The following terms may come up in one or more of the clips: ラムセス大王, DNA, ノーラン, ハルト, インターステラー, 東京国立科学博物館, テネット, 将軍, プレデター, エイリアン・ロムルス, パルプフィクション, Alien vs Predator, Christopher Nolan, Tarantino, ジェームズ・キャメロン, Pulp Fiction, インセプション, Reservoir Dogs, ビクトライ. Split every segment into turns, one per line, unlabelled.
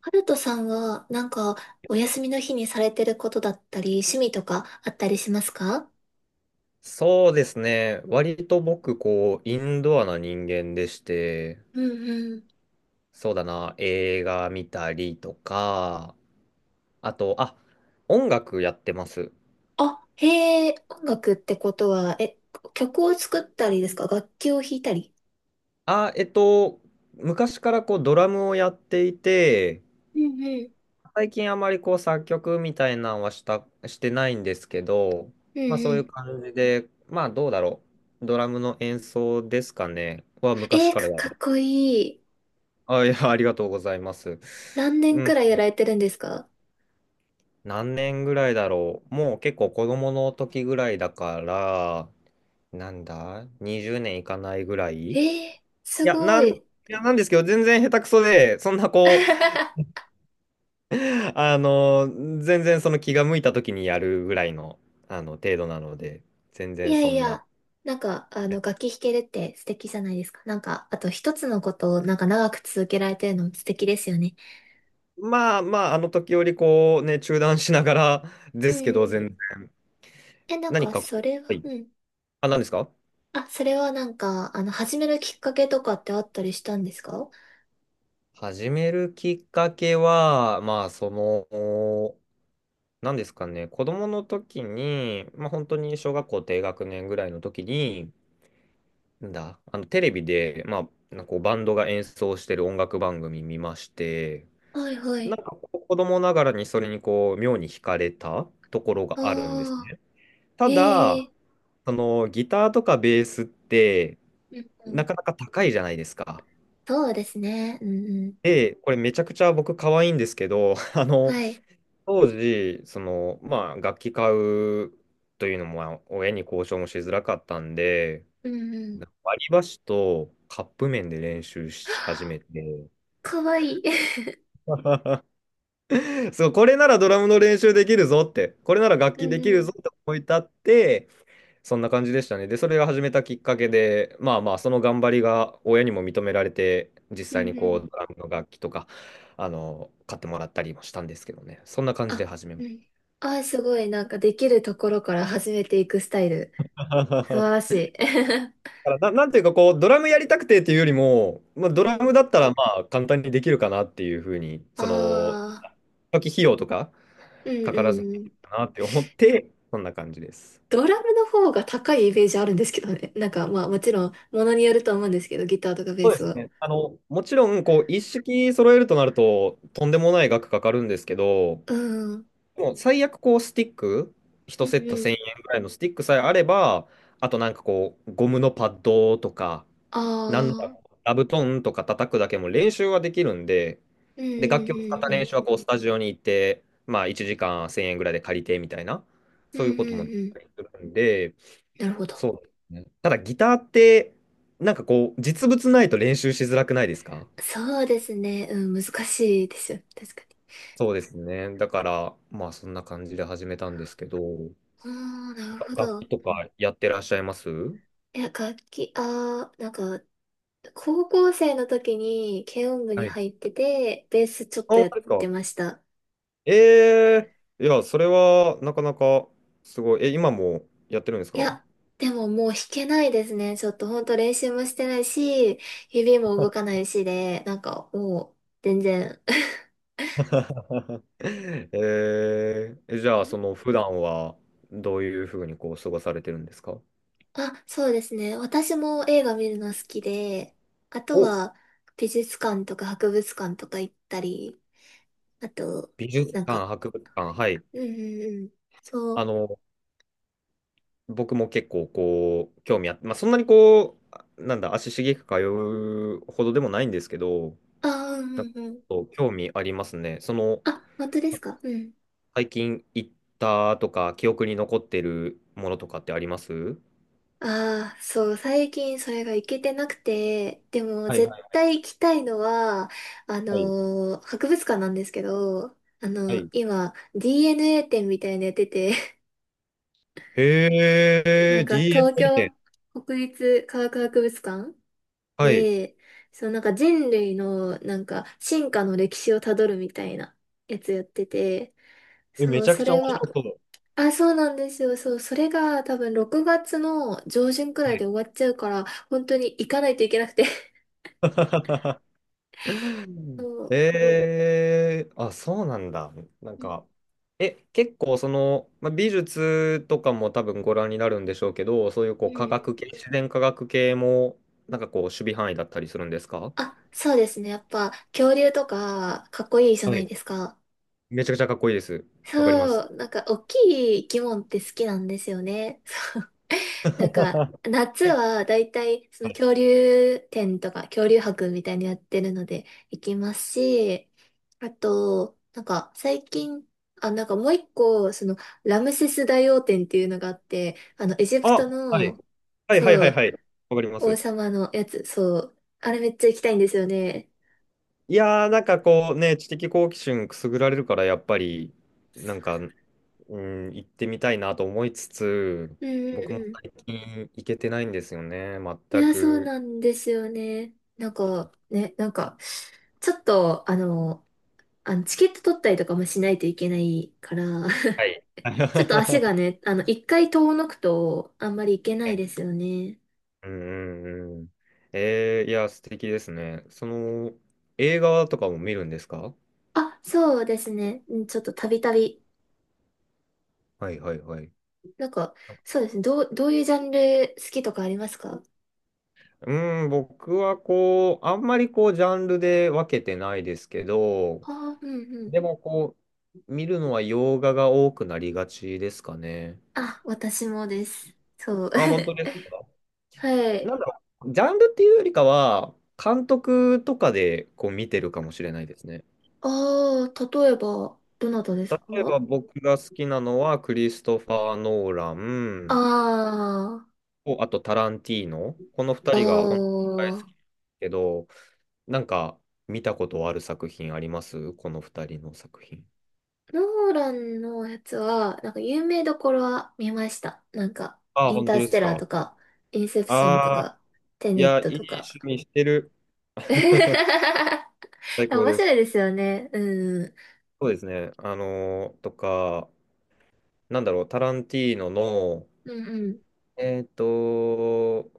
ハルトさんは、なんか、お休みの日にされてることだったり、趣味とかあったりしますか？
そうですね。割と僕、こう、インドアな人間でして、
うんうん。
そうだな、映画見たりとか、あと、あ、音楽やってます。
あ、へえ、音楽ってことは、曲を作ったりですか？楽器を弾いたり？
あ、昔からこう、ドラムをやっていて、
うんうん。
最近あまりこう、作曲みたいなのはしてないんですけど、
うん
まあそ
う
ういう
ん。
感じで、まあどうだろう。ドラムの演奏ですかね、は昔から
か
や
かっ
る。
こいい。
あ、いや、ありがとうございます。
何年くらいやられてるんですか？
何年ぐらいだろう。もう結構子供の時ぐらいだから、なんだ？ 20 年いかないぐらい
すご
い
い。
や、なんですけど、全然下手くそで、そんなこ う、あの、全然その気が向いた時にやるぐらいの、あの、程度なので、全
い
然
や
そ
い
ん
や、
な。
なんか、楽器弾けるって素敵じゃないですか。なんか、あと一つのことを、なんか長く続けられてるのも素敵ですよね。
まあまあ、あの時よりこう、ね、中断しながら
う
で
ん
すけど、
う
全
ん。
然、
え、なん
何
か、
か
そ
こ
れ
う、は
は、
い。
うん。
あ、何ですか？
あ、それはなんか、始めるきっかけとかってあったりしたんですか？
始めるきっかけは、まあ、その、なんですかね、子供の時に、まあ、本当に小学校低学年ぐらいの時に、なんだ、あのテレビで、まあ、なんかこうバンドが演奏してる音楽番組見まして、
はいは
なん
い。
かこう子供ながらにそれにこう妙に惹かれたところがあるんです
ああ、
ね。た
へ
だ、
え。
そのギターとかベースって
うんう
な
ん。
かなか高いじゃないですか。
そうですね。うんうん。
で、これめちゃくちゃ僕可愛いんですけど、あの、
はい。
当時、その、まあ、楽器買うというのも、まあ親に交渉もしづらかったんで、
うんうん。
割り箸とカップ麺で練習し始めて、
かわいい。
そう、これならドラムの練習できるぞって、これなら楽
う
器
ん
でき
う
るぞ
ん。
って思い立って、そんな感じでしたね。で、それが始めたきっかけで、まあまあ、その頑張りが親にも認められて、実
うん
際に
う
こう、
ん。
ドラムの楽器とか、あの、買ってもらったりもしたんですけどね。そんな感じで
あ、
始めまし
うん。あー、すごい。なんか、できるところから始めていくスタイル。
た。
素晴 らしい。
だからな、なんていうかこう、ドラムやりたくてっていうよりも、まあ、
うん
ド
う
ラム
ん。
だったらまあ簡単にできるかなっていうふうに、その、
ああ、
初期費用とか
うん
かからずにで
う
きる
ん。
かなって思って、そんな感じです。
ドラムの方が高いイメージあるんですけどね。なんかまあもちろんものによると思うんですけど、ギターとかベー
そうで
ス
す
は。
ね。あの、もちろん、こう、一式揃えるとなると、とんでもない額かかるんですけど、
うん。うん
もう最悪、こう、スティック、
う
一セット1000
ん。
円ぐらいのスティックさえあれば、あとなんかこう、ゴムのパッドとか、なんな
あ
ら、
あ。
座布団とか叩くだけも練習はできるんで、
うんうん
で、楽器を使っ
う
た
んう
練
ん。
習はこうスタジオに行って、まあ1時間1000円ぐらいで借りてみたいな、
う
そう
ん
いう
うん
こともでき
うん。
たりするんで、
なるほど。
そうですね。ただギターって、なんかこう、実物ないと練習しづらくないですか？
そうですね。うん、難しいですよ。確かに。
そうですね。だから、まあそんな感じで始めたんですけど、
ああ、なるほ
楽
ど。
器とかやってらっしゃいます？
いや、楽器、ああ、なんか、高校生の時に軽音部
は
に
い。あ、
入ってて、ベースちょっと
そう
やっ
ですか。
てました。
え、え、いや、それはなかなかすごい。え、今もやってるんです
い
か？
や、でももう弾けないですね。ちょっとほんと練習もしてないし、指も動かないしで、なんかもう全然。
えー、じゃあ、その 普段はどういうふうにこう過ごされてるんですか？
あ、そうですね。私も映画見るの好きで、あと
お、
は美術館とか博物館とか行ったり、あと、
美術
なん
館、
か、
博物館、はい。
うんうんうん。そ
あ
う。
の、僕も結構こう、興味あって、まあ、そんなにこう、なんだ、足しげく通うほどでもないんですけど、
あー、う
なんか
んうんうん。
そう興味ありますね。その、
あ、本当ですか？うん。
最近行ったとか、記憶に残ってるものとかってあります？
ああ、そう、最近それが行けてなくて、でも
はいは
絶
い
対行きたいのは、あ
はい。
のー博物館なんですけど、
はい。
今、DNA 展みたいなのやってて、
へ
なん
え、
か東
DNA
京
店。
国立科学博物館
はい。
で、そのなんか人類のなんか進化の歴史をたどるみたいなやつやってて、
え、め
そ
ち
う、
ゃく
そ
ちゃ
れ
面
は、
白そ
あ、そうなんですよ。そう、それが多分6月の上旬くらいで
う。
終わっちゃうから、本当に行かないといけなくて。 そう。
え、え、あ、そうなんだ。なん
うん。
か、え、結構その、まあ、美術とかも多分ご覧になるんでしょうけど、そういうこう
う
科
ん。
学系、自然科学系も、なんかこう、守備範囲だったりするんですか？
あ、そうですね。やっぱ恐竜とかかっこいいじゃ
は
ない
い。
ですか。
めちゃくちゃかっこいいです。わかりま
そ
す。
う、なんか大きい生き物って好きなんですよね。そう、なんか
は
夏はだいたいその
い、
恐竜展とか恐竜博みたいにやってるので行きますし、あと、なんか最近、あ、なんかもう一個、そのラムセス大王展っていうのがあって、あのエジプ
あ、
ト
はい。
の、
はいはい
そ
はい
う、
はい。わかりま
王
す。
様のやつ、そう。あれめっちゃ行きたいんですよね。
いやー、なんかこうね、知的好奇心くすぐられるから、やっぱり、なんか、うん、行ってみたいなと思いつつ、
うんうん
僕も
うん。
最近行けてないんですよね、
い
全
や、そう
く。
なんですよね。なんか、ね、なんか、ちょっと、あのチケット取ったりとかもしないといけないから、
はい。
ちょっと足
は
がね、一回遠のくと、あんまり行けな
い、
いですよね。
うんうんうん。えー、いや、素敵ですね。その、映画とかも見るんですか？
あ、そうですね。うん、ちょっとたびたび。
はいはいはい。
なんか、そうですね。どういうジャンル好きとかありますか？
うん、僕はこう、あんまりこう、ジャンルで分けてないですけど、
ああー、うんうん。
でもこう、見るのは洋画が多くなりがちですかね。
あ、私もです。そう。
あ、本当 ですか？
はい。
なんだろう、ジャンルっていうよりかは、監督とかでこう見てるかもしれないですね。
ああ、例えば、どなたです
例えば
か？
僕が好きなのは、クリストファー・ノーラ
あ
ン
あ、
と、あとタランティーノ。この2
あ
人が本当に大好きだ
あ、
けど、なんか見たことある作品あります？この2人の作品。
ノーランのやつは、なんか有名どころは見ました。なんか、
ああ、
イン
本
タ
当
ー
で
ステ
す
ラーと
か。
か、インセプションと
ああ、
か、テ
い
ネッ
や、
ト
いい
とか。
趣味してる。
い
最
や
高
面
で
白い
す。
ですよね。うん。
そうですね。あのーとか、なんだろう、タランティーノの、
うんうん。
えっと、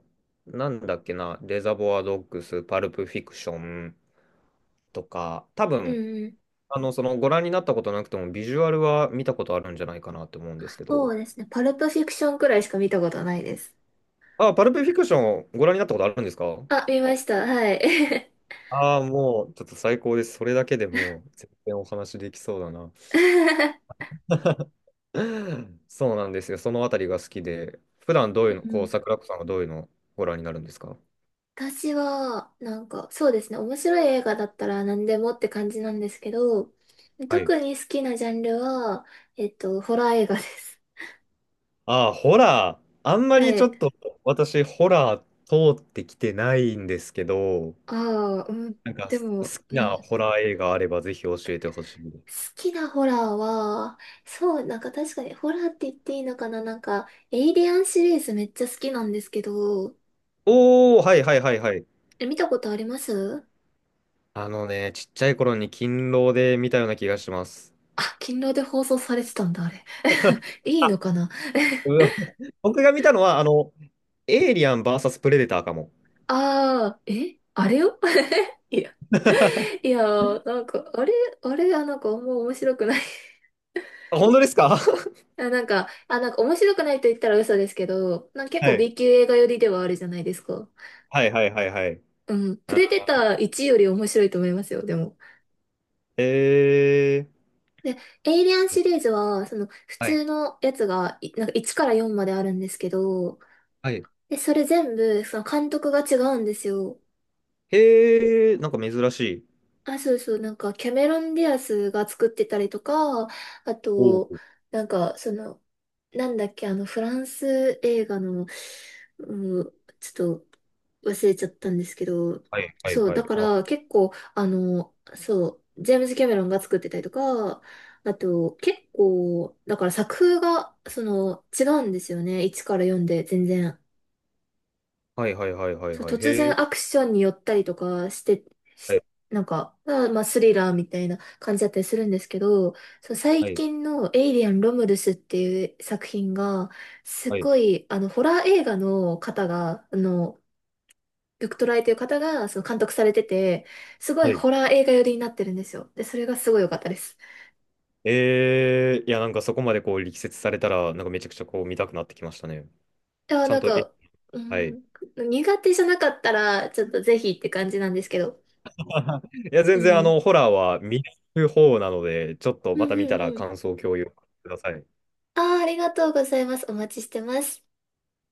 なんだっけな、レザボアドッグス、パルプフィクションとか、多
う
分、
んうん。
あの、そのご覧になったことなくても、ビジュアルは見たことあるんじゃないかなって思うんですけ
そ
ど、
うですね。パルプフィクションくらいしか見たことないです。
あ、パルプフィクションご覧になったことあるんですか？
あ、見ました。はい。
ああー、もう、ちょっと最高です。それだけでもう、全然お話できそうだな。そうなんですよ。そのあたりが好きで、普段どうい
う
う
ん
の、
う
こう、
ん。
桜子さんはどういうのをご覧になるんですか？
私は、なんか、そうですね、面白い映画だったら何でもって感じなんですけど、
はい。
特に好きなジャンルは、ホラー映画です。
ああ、ホラー。あん ま
は
りちょ
い。
っと私、ホラー通ってきてないんですけど、
ああ、うん。
なんか
で
す好
も、
き
うん。
な
好
ホラー映画あればぜひ教えてほしい。
きなホラーは、そう、なんか確かにホラーって言っていいのかな、なんか、エイリアンシリーズめっちゃ好きなんですけど、
おー、はいはいはいはい。
え、見たことあります？
あのね、ちっちゃい頃に勤労で見たような気がします。
あ、勤労で放送されてたんだ、あれ。いいの
あ、
かな。
うわ、僕が見たのは、あの、エイリアン VS プレデターかも。
ああー、え、あれよ。 いや いやー、なんか、あれはなんかあんま面白くない。
あ、本当ですか？
あ、なんか面白くないと言ったら嘘ですけど、なんか結
は
構
い。
B 級映画寄りではあるじゃないですか。
はいはいはいはい。
うん。プ
あ、
レデター1より面白いと思いますよ、でも。
へえ。
で、エイリアンシリーズは、その、普
はい。
通のやつが、なんか1から4まであるんですけど、
はい。
で、それ全部、その監督が違うんですよ。
へえ、なんか珍しい。
あ、そうそう、なんか、キャメロン・ディアスが作ってたりとか、あ
おお。
と、なんか、その、なんだっけ、あの、フランス映画の、うん、ちょっと忘れちゃったんですけど、
はいはい
そう、
は
だ
い。
か
あ、
ら結構、そう、ジェームズ・キャメロンが作ってたりとか、あと、結構、だから作風が、その、違うんですよね。1から4で全然。
はいはいはいはい
そう、
はい。
突
へ
然アクションに寄ったりとかして、し
え。
なんか、まあスリラーみたいな感じだったりするんですけど、そう、最
はい。
近のエイリアン・ロムルスっていう作品が、す
はい。
ごい、ホラー映画の方が、ビクトライという方が、その監督されてて、すご
は
い
い。
ホラー映画寄りになってるんですよ。で、それがすごい良かったです。
え、えー、いや、なんかそこまでこう力説されたら、なんかめちゃくちゃこう見たくなってきましたね。
いや、
ちゃ
な
ん
ん
と、え、
か、う
はい。
ん、苦手じゃなかったら、ちょっとぜひって感じなんですけど。
いや、
う
全然あ
ん。
の、ホラーは見る方なので、ちょっと
う
ま
ん
た見
う
た
ん
ら
う
感
ん。
想を共有ください。
ああ、ありがとうございます。お待ちしてます。